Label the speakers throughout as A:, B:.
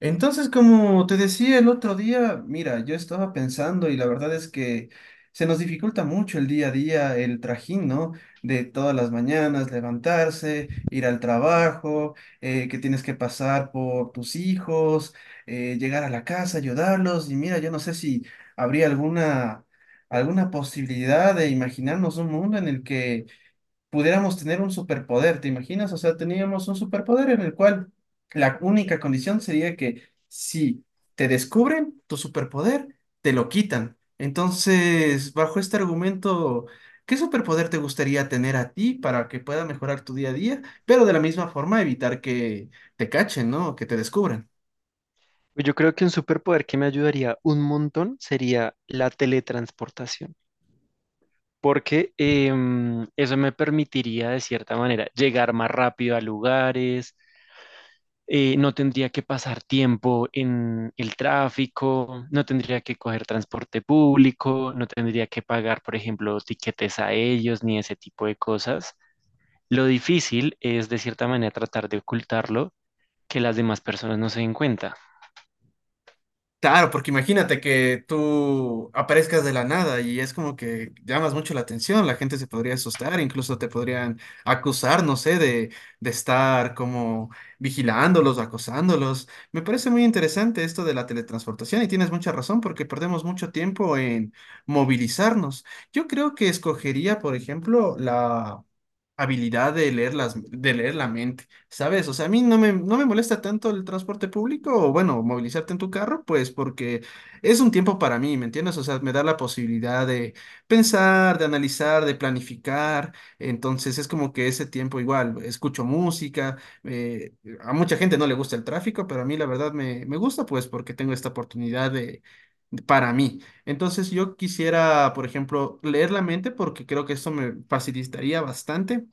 A: Entonces, como te decía el otro día, mira, yo estaba pensando y la verdad es que se nos dificulta mucho el día a día, el trajín, ¿no? De todas las mañanas, levantarse, ir al trabajo, que tienes que pasar por tus hijos, llegar a la casa, ayudarlos. Y mira, yo no sé si habría alguna posibilidad de imaginarnos un mundo en el que pudiéramos tener un superpoder, ¿te imaginas? O sea, teníamos un superpoder en el cual la única condición sería que si te descubren tu superpoder, te lo quitan. Entonces, bajo este argumento, ¿qué superpoder te gustaría tener a ti para que pueda mejorar tu día a día, pero de la misma forma evitar que te cachen? ¿No? Que te descubran.
B: Pues yo creo que un superpoder que me ayudaría un montón sería la teletransportación, porque eso me permitiría de cierta manera llegar más rápido a lugares, no tendría que pasar tiempo en el tráfico, no tendría que coger transporte público, no tendría que pagar, por ejemplo, tiquetes a ellos ni ese tipo de cosas. Lo difícil es de cierta manera tratar de ocultarlo, que las demás personas no se den cuenta.
A: Claro, porque imagínate que tú aparezcas de la nada y es como que llamas mucho la atención, la gente se podría asustar, incluso te podrían acusar, no sé, de estar como vigilándolos, acosándolos. Me parece muy interesante esto de la teletransportación y tienes mucha razón porque perdemos mucho tiempo en movilizarnos. Yo creo que escogería, por ejemplo, la habilidad de leer la mente, ¿sabes? O sea, a mí no me molesta tanto el transporte público o, bueno, movilizarte en tu carro, pues porque es un tiempo para mí, ¿me entiendes? O sea, me da la posibilidad de pensar, de analizar, de planificar. Entonces es como que ese tiempo igual, escucho música, eh, a mucha gente no le gusta el tráfico, pero a mí la verdad me gusta, pues porque tengo esta oportunidad para mí. Entonces yo quisiera, por ejemplo, leer la mente porque creo que esto me facilitaría bastante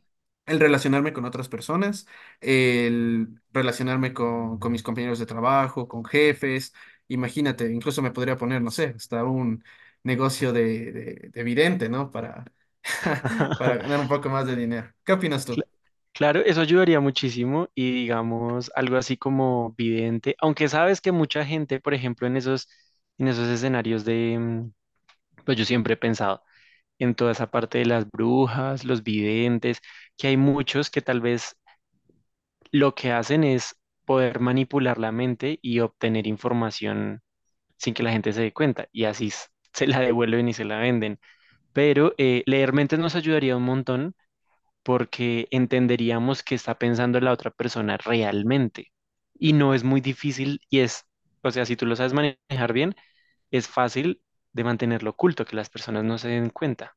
A: el relacionarme con otras personas, el relacionarme con mis compañeros de trabajo, con jefes. Imagínate, incluso me podría poner, no sé, hasta un negocio de vidente, ¿no? Para, para ganar un poco más de dinero. ¿Qué opinas tú?
B: Claro, eso ayudaría muchísimo y digamos algo así como vidente, aunque sabes que mucha gente, por ejemplo, en esos escenarios de, pues yo siempre he pensado en toda esa parte de las brujas, los videntes, que hay muchos que tal vez lo que hacen es poder manipular la mente y obtener información sin que la gente se dé cuenta y así se la devuelven y se la venden. Pero leer mentes nos ayudaría un montón porque entenderíamos qué está pensando la otra persona realmente. Y no es muy difícil y es, o sea, si tú lo sabes manejar bien, es fácil de mantenerlo oculto, que las personas no se den cuenta.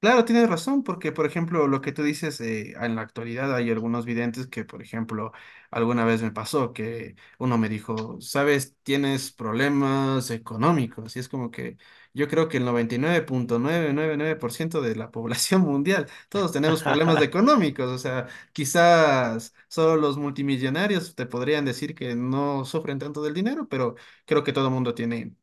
A: Claro, tienes razón, porque por ejemplo, lo que tú dices, en la actualidad hay algunos videntes que, por ejemplo, alguna vez me pasó que uno me dijo, sabes, tienes problemas económicos, y es como que yo creo que el 99,999% de la población mundial, todos tenemos problemas económicos. O sea, quizás solo los multimillonarios te podrían decir que no sufren tanto del dinero, pero creo que todo el mundo tiene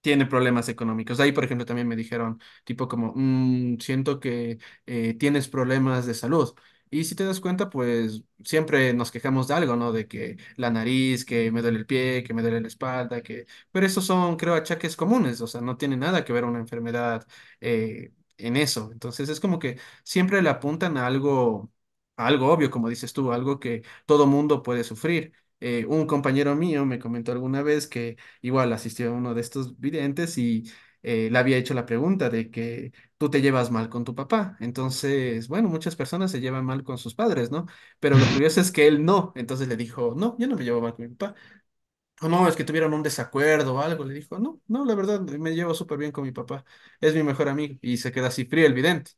A: tiene problemas económicos. Ahí, por ejemplo, también me dijeron, tipo como: "Mm, siento que tienes problemas de salud." Y si te das cuenta, pues siempre nos quejamos de algo, ¿no? De que la nariz, que me duele el pie, que me duele la espalda, que... Pero esos son, creo, achaques comunes. O sea, no tiene nada que ver una enfermedad eh, en eso. Entonces es como que siempre le apuntan a algo obvio, como dices tú, algo que todo mundo puede sufrir. Un compañero mío me comentó alguna vez que igual asistió a uno de estos videntes y le había hecho la pregunta de que tú te llevas mal con tu papá. Entonces, bueno, muchas personas se llevan mal con sus padres, ¿no? Pero lo curioso es que él no. Entonces le dijo: "No, yo no me llevo mal con mi papá." O: "No, es que tuvieron un desacuerdo o algo." Le dijo: "No, no, la verdad, me llevo súper bien con mi papá. Es mi mejor amigo." Y se queda así frío el vidente,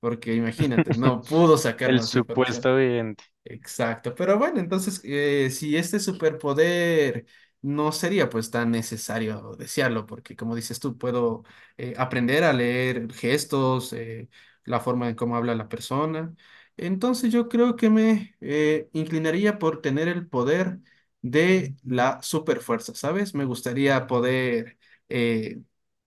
A: porque imagínate, no pudo sacar
B: El
A: más información.
B: supuesto evidente.
A: Exacto, pero bueno, entonces, si este superpoder no sería pues tan necesario desearlo, porque como dices tú, puedo aprender a leer gestos, la forma en cómo habla la persona. Entonces yo creo que me inclinaría por tener el poder de la superfuerza, ¿sabes? Me gustaría poder eh,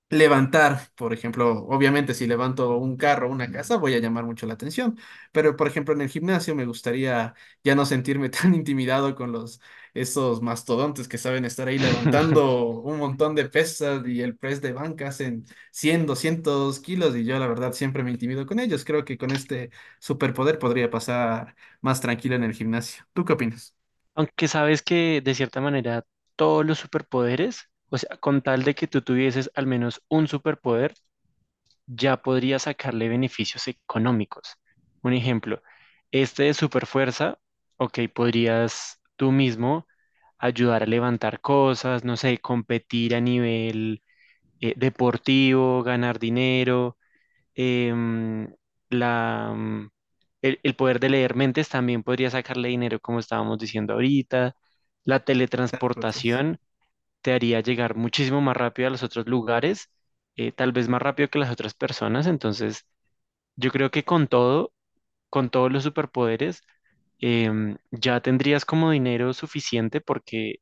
A: levantar, por ejemplo. Obviamente si levanto un carro o una casa, voy a llamar mucho la atención, pero por ejemplo en el gimnasio me gustaría ya no sentirme tan intimidado con los esos mastodontes que saben estar ahí levantando un montón de pesas y el press de banca hacen 100, 200 kilos y yo la verdad siempre me intimido con ellos. Creo que con este superpoder podría pasar más tranquilo en el gimnasio. ¿Tú qué opinas?
B: Aunque sabes que de cierta manera todos los superpoderes, o sea, con tal de que tú tuvieses al menos un superpoder, ya podría sacarle beneficios económicos. Un ejemplo, este de superfuerza, ok, podrías tú mismo ayudar a levantar cosas, no sé, competir a nivel deportivo, ganar dinero, em, la, mm, el poder de leer mentes también podría sacarle dinero, como estábamos diciendo ahorita. La teletransportación te haría llegar muchísimo más rápido a los otros lugares, tal vez más rápido que las otras personas, entonces yo creo que con todo, con todos los superpoderes, ya tendrías como dinero suficiente porque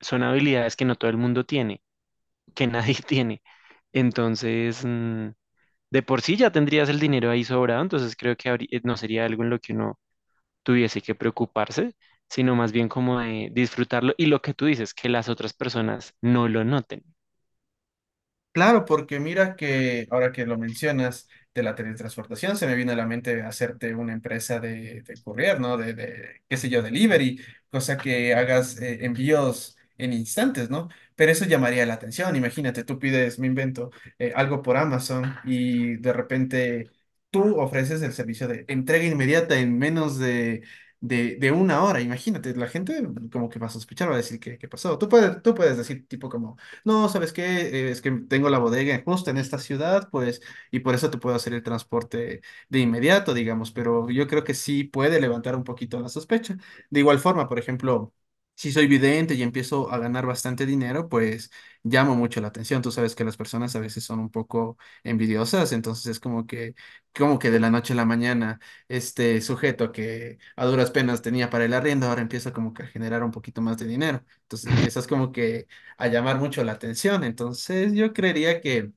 B: son habilidades que no todo el mundo tiene, que nadie tiene. Entonces, de por sí ya tendrías el dinero ahí sobrado, entonces creo que no sería algo en lo que uno tuviese que preocuparse, sino más bien como de disfrutarlo y lo que tú dices, que las otras personas no lo noten.
A: Claro, porque mira que ahora que lo mencionas de la teletransportación, se me viene a la mente hacerte una empresa de courier, ¿no? Qué sé yo, delivery, cosa que hagas envíos en instantes, ¿no? Pero eso llamaría la atención. Imagínate, tú pides, me invento, algo por Amazon y de repente tú ofreces el servicio de entrega inmediata en menos de una hora. Imagínate, la gente como que va a sospechar, va a decir: Qué pasó?" Tú puedes decir tipo como... "No, ¿sabes qué? Es que tengo la bodega justo en esta ciudad, pues, y por eso te puedo hacer el transporte de inmediato, digamos." Pero yo creo que sí puede levantar un poquito la sospecha. De igual forma, por ejemplo, si soy vidente y empiezo a ganar bastante dinero, pues llamo mucho la atención. Tú sabes que las personas a veces son un poco envidiosas, entonces es como que de la noche a la mañana, este sujeto que a duras penas tenía para el arriendo, ahora empieza como que a generar un poquito más de dinero. Entonces empiezas como que a llamar mucho la atención. Entonces yo creería que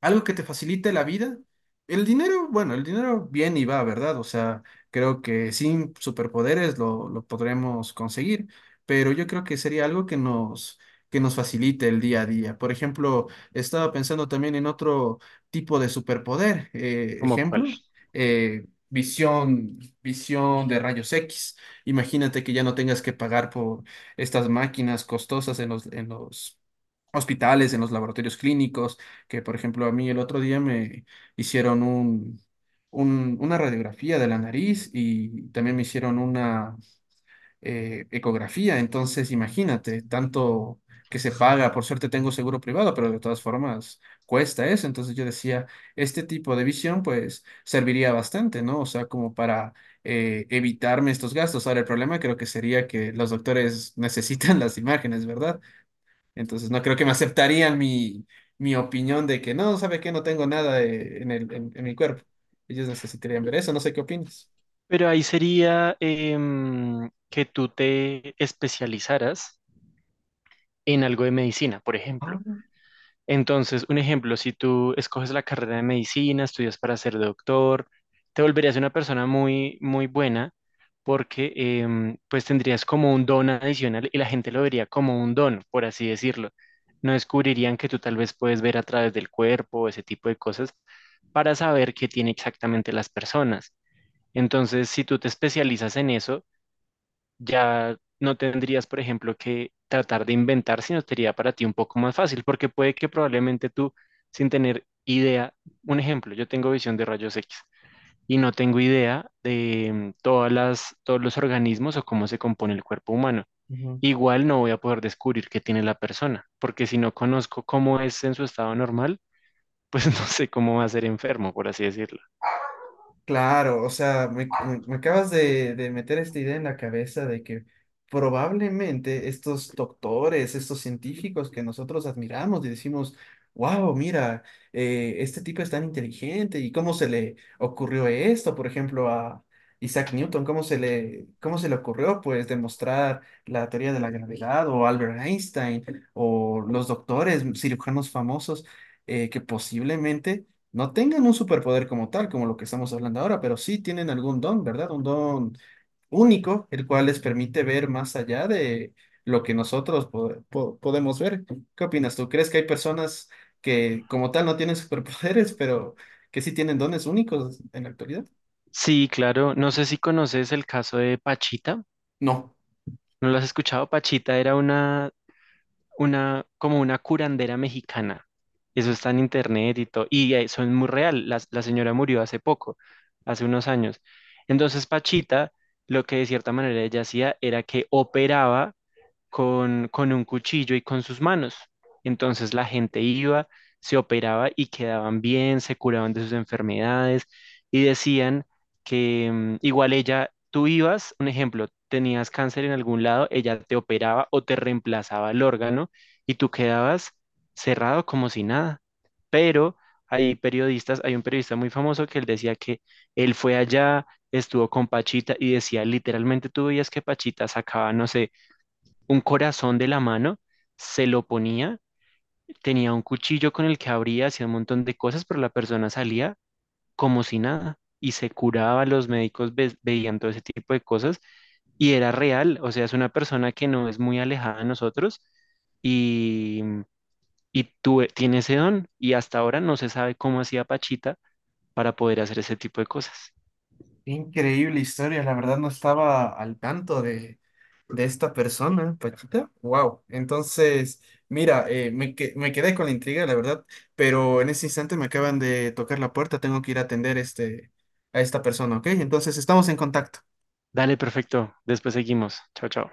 A: algo que te facilite la vida. El dinero, bueno, el dinero viene y va, ¿verdad? O sea, creo que sin superpoderes lo podremos conseguir, pero yo creo que sería algo que que nos facilite el día a día. Por ejemplo, estaba pensando también en otro tipo de superpoder. eh,
B: ¿Como cuál?
A: ejemplo, visión de rayos X. Imagínate que ya no tengas que pagar por estas máquinas costosas en los hospitales, en los laboratorios clínicos. Que por ejemplo a mí el otro día me hicieron una radiografía de la nariz y también me hicieron una ecografía. Entonces imagínate, tanto que se paga. Por suerte tengo seguro privado, pero de todas formas cuesta eso. Entonces yo decía, este tipo de visión pues serviría bastante, ¿no? O sea, como para... evitarme estos gastos. Ahora, el problema creo que sería que los doctores necesitan las imágenes, ¿verdad? Entonces no creo que me aceptarían mi opinión de que no. ¿Sabe qué? No tengo nada en mi cuerpo. Ellos necesitarían ver eso, no sé qué opinas.
B: Pero ahí sería que tú te especializaras en algo de medicina, por
A: Ah.
B: ejemplo. Entonces, un ejemplo, si tú escoges la carrera de medicina, estudias para ser doctor, te volverías una persona muy, muy buena porque pues tendrías como un don adicional y la gente lo vería como un don, por así decirlo. No descubrirían que tú tal vez puedes ver a través del cuerpo, ese tipo de cosas, para saber qué tiene exactamente las personas. Entonces, si tú te especializas en eso, ya no tendrías, por ejemplo, que tratar de inventar, sino sería para ti un poco más fácil, porque puede que probablemente tú, sin tener idea, un ejemplo, yo tengo visión de rayos X y no tengo idea de todas las, todos los organismos o cómo se compone el cuerpo humano.
A: Ujú.
B: Igual no voy a poder descubrir qué tiene la persona, porque si no conozco cómo es en su estado normal, pues no sé cómo va a ser enfermo, por así decirlo.
A: Claro, o sea, me acabas de meter esta idea en la cabeza de que probablemente estos doctores, estos científicos que nosotros admiramos y decimos: "Wow, mira, este tipo es tan inteligente. Y cómo se le ocurrió esto, por ejemplo, a Isaac Newton, cómo se le ocurrió, pues, demostrar la teoría de la gravedad, o Albert Einstein o los doctores, cirujanos famosos, que posiblemente no tengan un superpoder como tal, como lo que estamos hablando ahora, pero sí tienen algún don, ¿verdad? Un don único, el cual les permite ver más allá de lo que nosotros podemos ver." ¿Qué opinas tú? ¿Crees que hay personas que como tal no tienen superpoderes, pero que sí tienen dones únicos en la actualidad?
B: Sí, claro, no sé si conoces el caso de Pachita,
A: No.
B: ¿no lo has escuchado? Pachita era una como una curandera mexicana. Eso está en internet y todo. Y eso es muy real. La señora murió hace poco, hace unos años. Entonces, Pachita, lo que de cierta manera ella hacía era que operaba con un cuchillo y con sus manos. Entonces la gente iba, se operaba y quedaban bien, se curaban de sus enfermedades y decían que igual ella, tú ibas, un ejemplo, tenías cáncer en algún lado, ella te operaba o te reemplazaba el órgano y tú quedabas cerrado como si nada. Pero hay periodistas, hay un periodista muy famoso que él decía que él fue allá, estuvo con Pachita y decía, literalmente tú veías que Pachita sacaba, no sé, un corazón de la mano, se lo ponía, tenía un cuchillo con el que abría, hacía un montón de cosas, pero la persona salía como si nada y se curaba, los médicos veían todo ese tipo de cosas y era real, o sea, es una persona que no es muy alejada de nosotros y, y tiene ese don y hasta ahora no se sabe cómo hacía Pachita para poder hacer ese tipo de cosas.
A: Qué increíble historia, la verdad no estaba al tanto de esta persona, Pachita. Wow, entonces, mira, me quedé con la intriga, la verdad, pero en este instante me acaban de tocar la puerta, tengo que ir a atender a esta persona, ¿ok? Entonces estamos en contacto.
B: Dale, perfecto, después seguimos. Chao, chao.